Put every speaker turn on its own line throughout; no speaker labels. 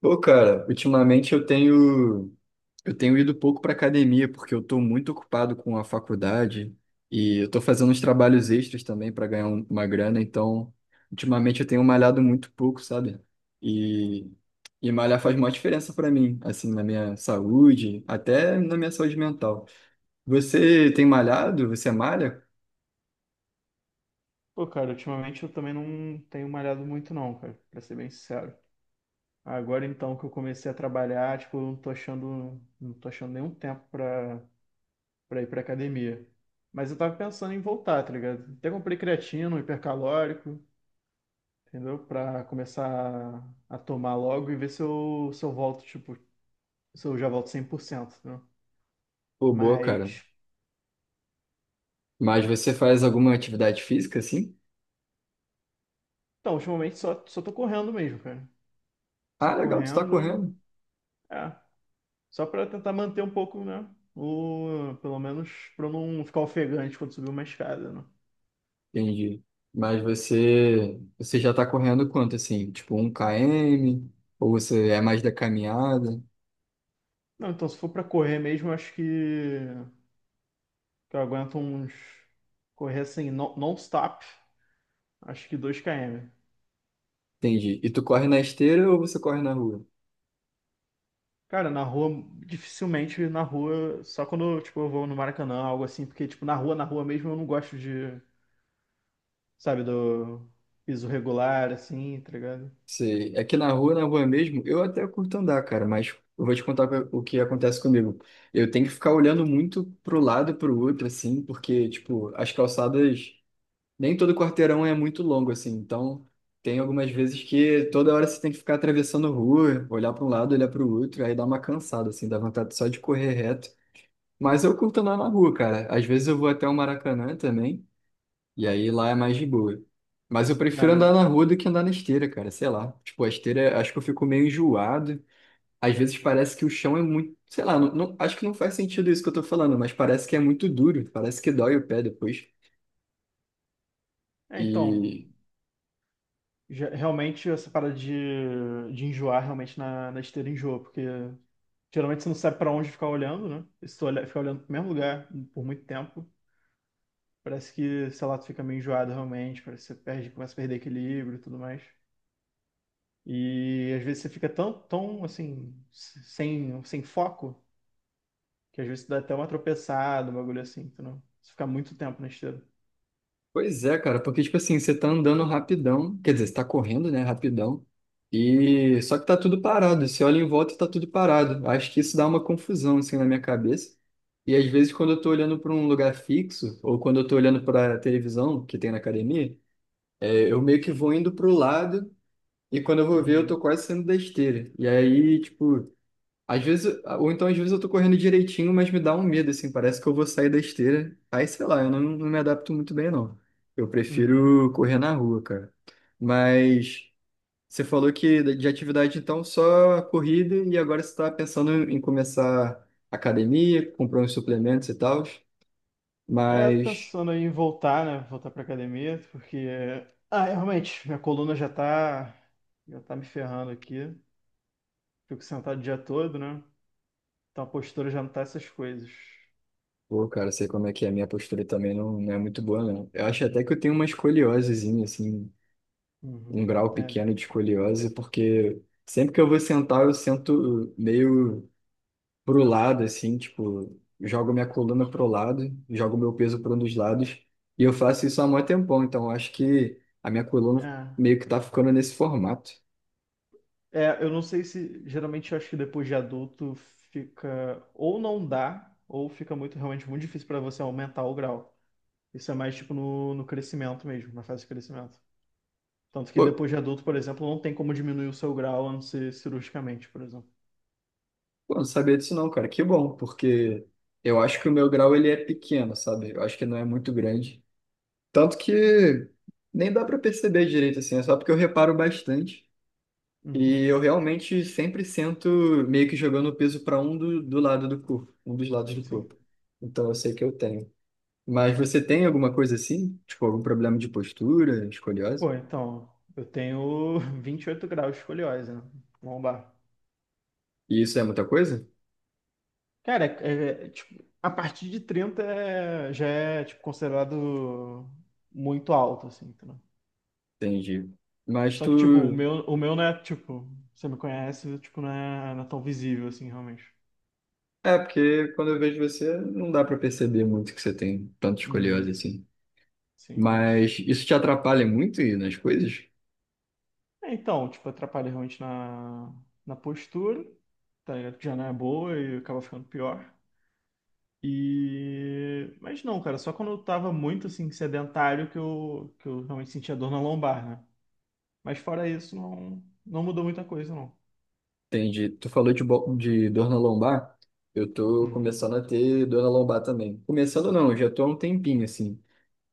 Pô, cara, ultimamente eu tenho ido pouco para academia porque eu estou muito ocupado com a faculdade e eu estou fazendo uns trabalhos extras também para ganhar uma grana, então ultimamente eu tenho malhado muito pouco, sabe? E e malhar faz uma diferença para mim, assim, na minha saúde, até na minha saúde mental. Você tem malhado? Você malha?
Pô, cara, ultimamente eu também não tenho malhado muito não, cara, pra ser bem sincero. Agora então que eu comecei a trabalhar, tipo, eu não tô achando nenhum tempo pra ir pra academia. Mas eu tava pensando em voltar, tá ligado? Até comprei creatina, um hipercalórico, entendeu? Pra começar a tomar logo e ver se eu volto, tipo, se eu já volto 100%, entendeu?
Pô, boa, cara.
Mas,
Mas você faz alguma atividade física assim?
então, ultimamente só tô correndo mesmo, cara.
Ah,
Só
legal, tu tá
correndo.
correndo.
É. Só para tentar manter um pouco, né? O, pelo menos para não ficar ofegante quando subir uma escada, né?
Entendi. Mas você já tá correndo quanto assim? Tipo 1 km? Ou você é mais da caminhada?
Não, então se for para correr mesmo, eu acho que eu aguento uns correr assim non-stop, acho que 2 km.
Entendi. E tu corre na esteira ou você corre na rua?
Cara, na rua, dificilmente na rua, só quando tipo eu vou no Maracanã, algo assim, porque tipo na rua mesmo eu não gosto de, sabe, do piso regular assim, tá ligado?
Você, é que na rua mesmo, eu até curto andar, cara, mas eu vou te contar o que acontece comigo. Eu tenho que ficar olhando muito pro lado e pro outro, assim, porque, tipo, as calçadas nem todo quarteirão é muito longo assim, então tem algumas vezes que toda hora você tem que ficar atravessando rua, olhar para um lado, olhar para o outro, aí dá uma cansada assim, dá vontade só de correr reto. Mas eu curto andar na rua, cara. Às vezes eu vou até o Maracanã também, e aí lá é mais de boa. Mas eu
É,
prefiro andar na rua do que andar na esteira, cara, sei lá. Tipo, a esteira, acho que eu fico meio enjoado. Às vezes parece que o chão é muito, sei lá, acho que não faz sentido isso que eu tô falando, mas parece que é muito duro, parece que dói o pé depois.
é, então,
E
Realmente, essa parada de enjoar realmente na esteira enjoa, porque geralmente você não sabe pra onde ficar olhando, né? E se tu olhar, ficar olhando pro mesmo lugar por muito tempo, parece que, sei lá, tu fica meio enjoado realmente, parece que você perde, começa a perder equilíbrio e tudo mais. E às vezes você fica tão, tão assim, sem foco, que às vezes dá até uma tropeçada, um bagulho assim, entendeu? Se ficar muito tempo na esteira.
Pois é, cara, porque, tipo assim, você tá andando rapidão, quer dizer, você tá correndo, né, rapidão, e só que tá tudo parado, você olha em volta e tá tudo parado. Acho que isso dá uma confusão, assim, na minha cabeça. E às vezes, quando eu tô olhando pra um lugar fixo, ou quando eu tô olhando pra televisão que tem na academia, é, eu meio que vou indo pro lado, e quando eu vou ver, eu
Uhum,
tô quase saindo da esteira. E aí, tipo, às vezes, ou então às vezes eu tô correndo direitinho, mas me dá um medo, assim, parece que eu vou sair da esteira. Aí, sei lá, eu não me adapto muito bem, não. Eu
uhum.
prefiro correr na rua, cara. Mas você falou que de atividade, então, só corrida e agora você tá pensando em começar academia, comprar uns suplementos e tal.
É, tô
Mas,
pensando aí em voltar, né? Voltar pra academia, porque. Ah, é, realmente, minha coluna já tá. Já tá me ferrando aqui. Fico sentado o dia todo, né? Então a postura já não tá essas coisas.
pô, cara, sei como é que é, minha postura também não é muito boa, não. Eu acho até que eu tenho uma escoliosezinha, assim, um
Uhum.
grau
É,
pequeno de escoliose, porque sempre que eu vou sentar, eu sento meio pro lado, assim, tipo, jogo minha coluna pro lado, jogo meu peso para um dos lados, e eu faço isso há mó tempão, então eu acho que a minha coluna
é.
meio que tá ficando nesse formato.
É, eu não sei se. Geralmente eu acho que depois de adulto fica. Ou não dá, ou fica muito, realmente muito difícil pra você aumentar o grau. Isso é mais tipo no crescimento mesmo, na fase de crescimento. Tanto que
Pô,
depois de adulto, por exemplo, não tem como diminuir o seu grau a não ser cirurgicamente, por exemplo.
pô, não sabia disso não, cara, que bom, porque eu acho que o meu grau ele é pequeno, sabe? Eu acho que não é muito grande. Tanto que nem dá pra perceber direito, assim, é só porque eu reparo bastante.
Uhum,
E eu realmente sempre sinto meio que jogando o peso para um do lado do corpo, um dos lados do
sim.
corpo. Então eu sei que eu tenho. Mas você tem alguma coisa assim? Tipo, algum problema de postura, escoliose?
Pô, então, eu tenho 28 graus de escoliose, né? Lombar.
E isso é muita coisa?
Cara, é, tipo, a partir de 30 já é, tipo, considerado muito alto, assim, entendeu?
Entendi. Mas
Só que, tipo, o
tu.
meu, o meu não é, tipo, você me conhece, tipo, não é tão visível, assim, realmente.
É, porque quando eu vejo você, não dá para perceber muito que você tem tanta escoliose
Uhum,
assim.
sim, mas...
Mas isso te atrapalha muito nas coisas?
É, então, tipo, atrapalha realmente na postura, tá ligado? Que já não é boa e acaba ficando pior. E... Mas não, cara, só quando eu tava muito assim, sedentário que eu realmente sentia dor na lombar, né? Mas fora isso, não mudou muita coisa, não.
Entendi. Tu falou de dor na lombar. Eu tô
Uhum,
começando a ter dor na lombar também. Começando não, eu já tô há um tempinho assim.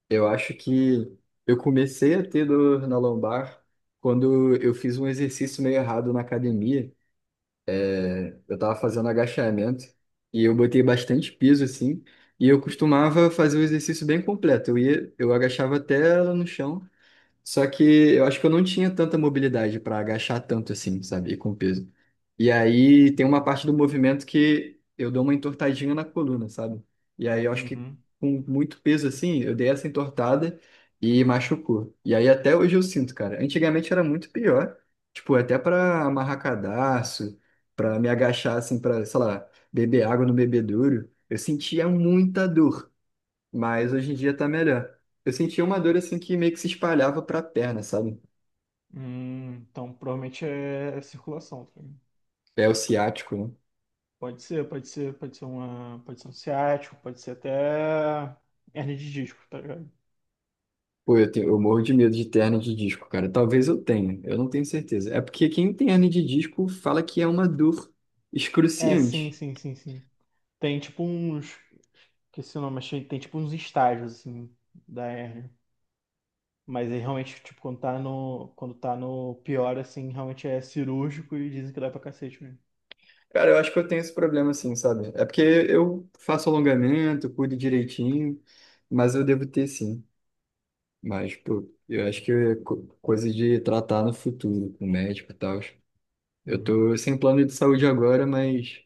Eu acho que eu comecei a ter dor na lombar quando eu fiz um exercício meio errado na academia. É, eu tava fazendo agachamento e eu botei bastante peso assim. E eu costumava fazer o exercício bem completo. Eu ia, eu agachava até no chão. Só que eu acho que eu não tinha tanta mobilidade para agachar tanto assim, sabe? E com peso. E aí tem uma parte do movimento que eu dou uma entortadinha na coluna, sabe? E aí eu acho que
uhum.
com muito peso assim, eu dei essa entortada e machucou. E aí até hoje eu sinto, cara. Antigamente era muito pior, tipo, até para amarrar cadarço, para me agachar assim, para, sei lá, beber água no bebedouro, eu sentia muita dor. Mas hoje em dia tá melhor. Eu sentia uma dor assim que meio que se espalhava pra perna, sabe?
Então, provavelmente é circulação, tá ligado?
É o ciático, né?
Pode ser, pode ser, pode ser uma, pode ser um ciático, pode ser até hernia de disco, tá ligado?
Pô, eu tenho, eu morro de medo de hernia de disco, cara. Talvez eu tenha, eu não tenho certeza. É porque quem tem hernia de disco fala que é uma dor
É, sim,
excruciante.
sim, sim, sim. Tem tipo uns, que esse nome achei, tem tipo uns estágios assim da hernia. Mas aí realmente, tipo, quando tá no pior, assim, realmente é cirúrgico e dizem que dá pra cacete mesmo.
Cara, eu acho que eu tenho esse problema assim, sabe? É porque eu faço alongamento, cuido direitinho, mas eu devo ter sim. Mas, pô, eu acho que é coisa de tratar no futuro, com o médico e tal. Eu
Uhum,
tô sem plano de saúde agora, mas.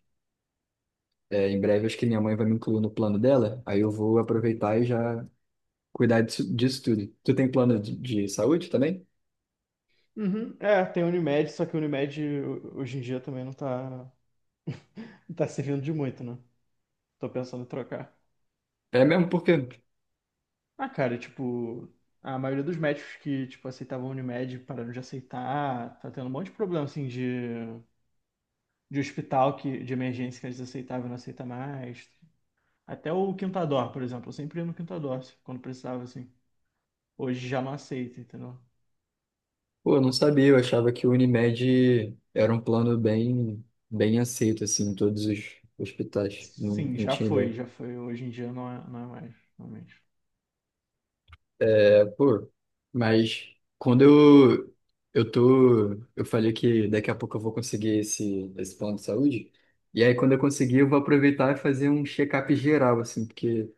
É, em breve, acho que minha mãe vai me incluir no plano dela, aí eu vou
uhum.
aproveitar e já cuidar disso, disso tudo. Tu tem plano de saúde também?
Uhum. É, tem Unimed, só que o Unimed hoje em dia também não tá servindo de muito, né? Tô pensando em trocar.
É mesmo porque,
Ah, cara, tipo, a maioria dos médicos que, tipo, aceitavam Unimed pararam de aceitar, tá tendo um monte de problema, assim, de hospital que, de emergência que eles aceitavam e não aceita mais. Até o Quintador, por exemplo, eu sempre ia no Quintador, quando precisava, assim. Hoje já não aceita, entendeu?
pô, eu não sabia, eu achava que o Unimed era um plano bem, bem aceito, assim, em todos os hospitais. Não,
Sim,
não
já
tinha
foi,
ideia.
já foi. Hoje em dia não é mais, realmente.
É, pô, mas quando eu tô, eu falei que daqui a pouco eu vou conseguir esse plano de saúde, e aí quando eu conseguir, eu vou aproveitar e fazer um check-up geral, assim, porque.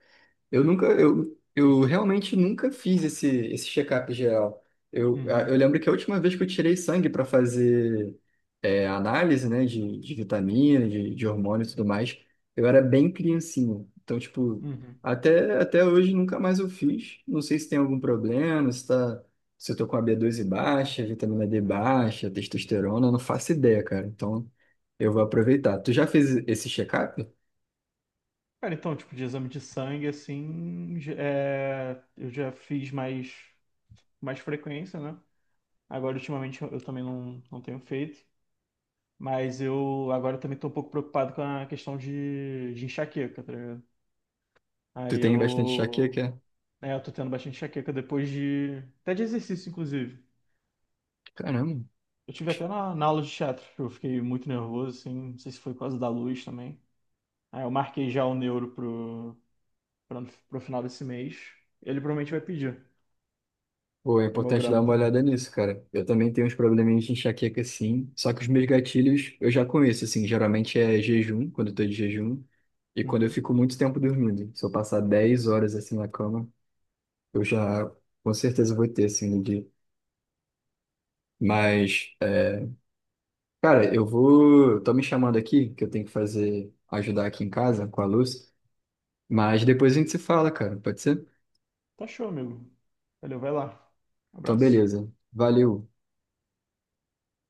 Eu nunca, eu realmente nunca fiz esse check-up geral. Eu,
Uhum,
eu lembro que a última vez que eu tirei sangue para fazer é, análise, né, de vitamina, de hormônio e tudo mais, eu era bem criancinho. Então, tipo,
uhum.
até, até hoje nunca mais eu fiz. Não sei se tem algum problema, se eu tô com a B12 baixa, vitamina D baixa, testosterona, eu não faço ideia, cara. Então, eu vou aproveitar. Tu já fez esse check-up?
Cara, então, tipo, de exame de sangue, assim, eu já fiz mais, mais frequência, né? Agora, ultimamente, eu também não tenho feito. Mas eu agora também tô um pouco preocupado com a questão de enxaqueca, tá ligado?
Tu
Aí
tem bastante
eu.
enxaqueca?
É, eu tô tendo bastante enxaqueca depois de. Até de exercício, inclusive.
Caramba.
Eu tive até na aula de teatro, que eu fiquei muito nervoso, assim, não sei se foi por causa da luz também. Aí eu marquei já o neuro pra, pro final desse mês. Ele provavelmente vai pedir
Pô, é importante dar
hemograma
uma
também.
olhada nisso, cara. Eu também tenho uns probleminhas de enxaqueca, sim. Só que os meus gatilhos eu já conheço, assim. Geralmente é jejum, quando eu tô de jejum. E quando eu
Uhum.
fico muito tempo dormindo. Se eu passar 10 horas, assim, na cama, eu já com certeza vou ter, assim, no dia. Mas, é, cara, eu vou... Tô me chamando aqui, que eu tenho que fazer... Ajudar aqui em casa, com a luz. Mas depois a gente se fala, cara. Pode ser?
Tá show, amigo. Valeu, vai lá.
Então,
Abraço.
beleza. Valeu.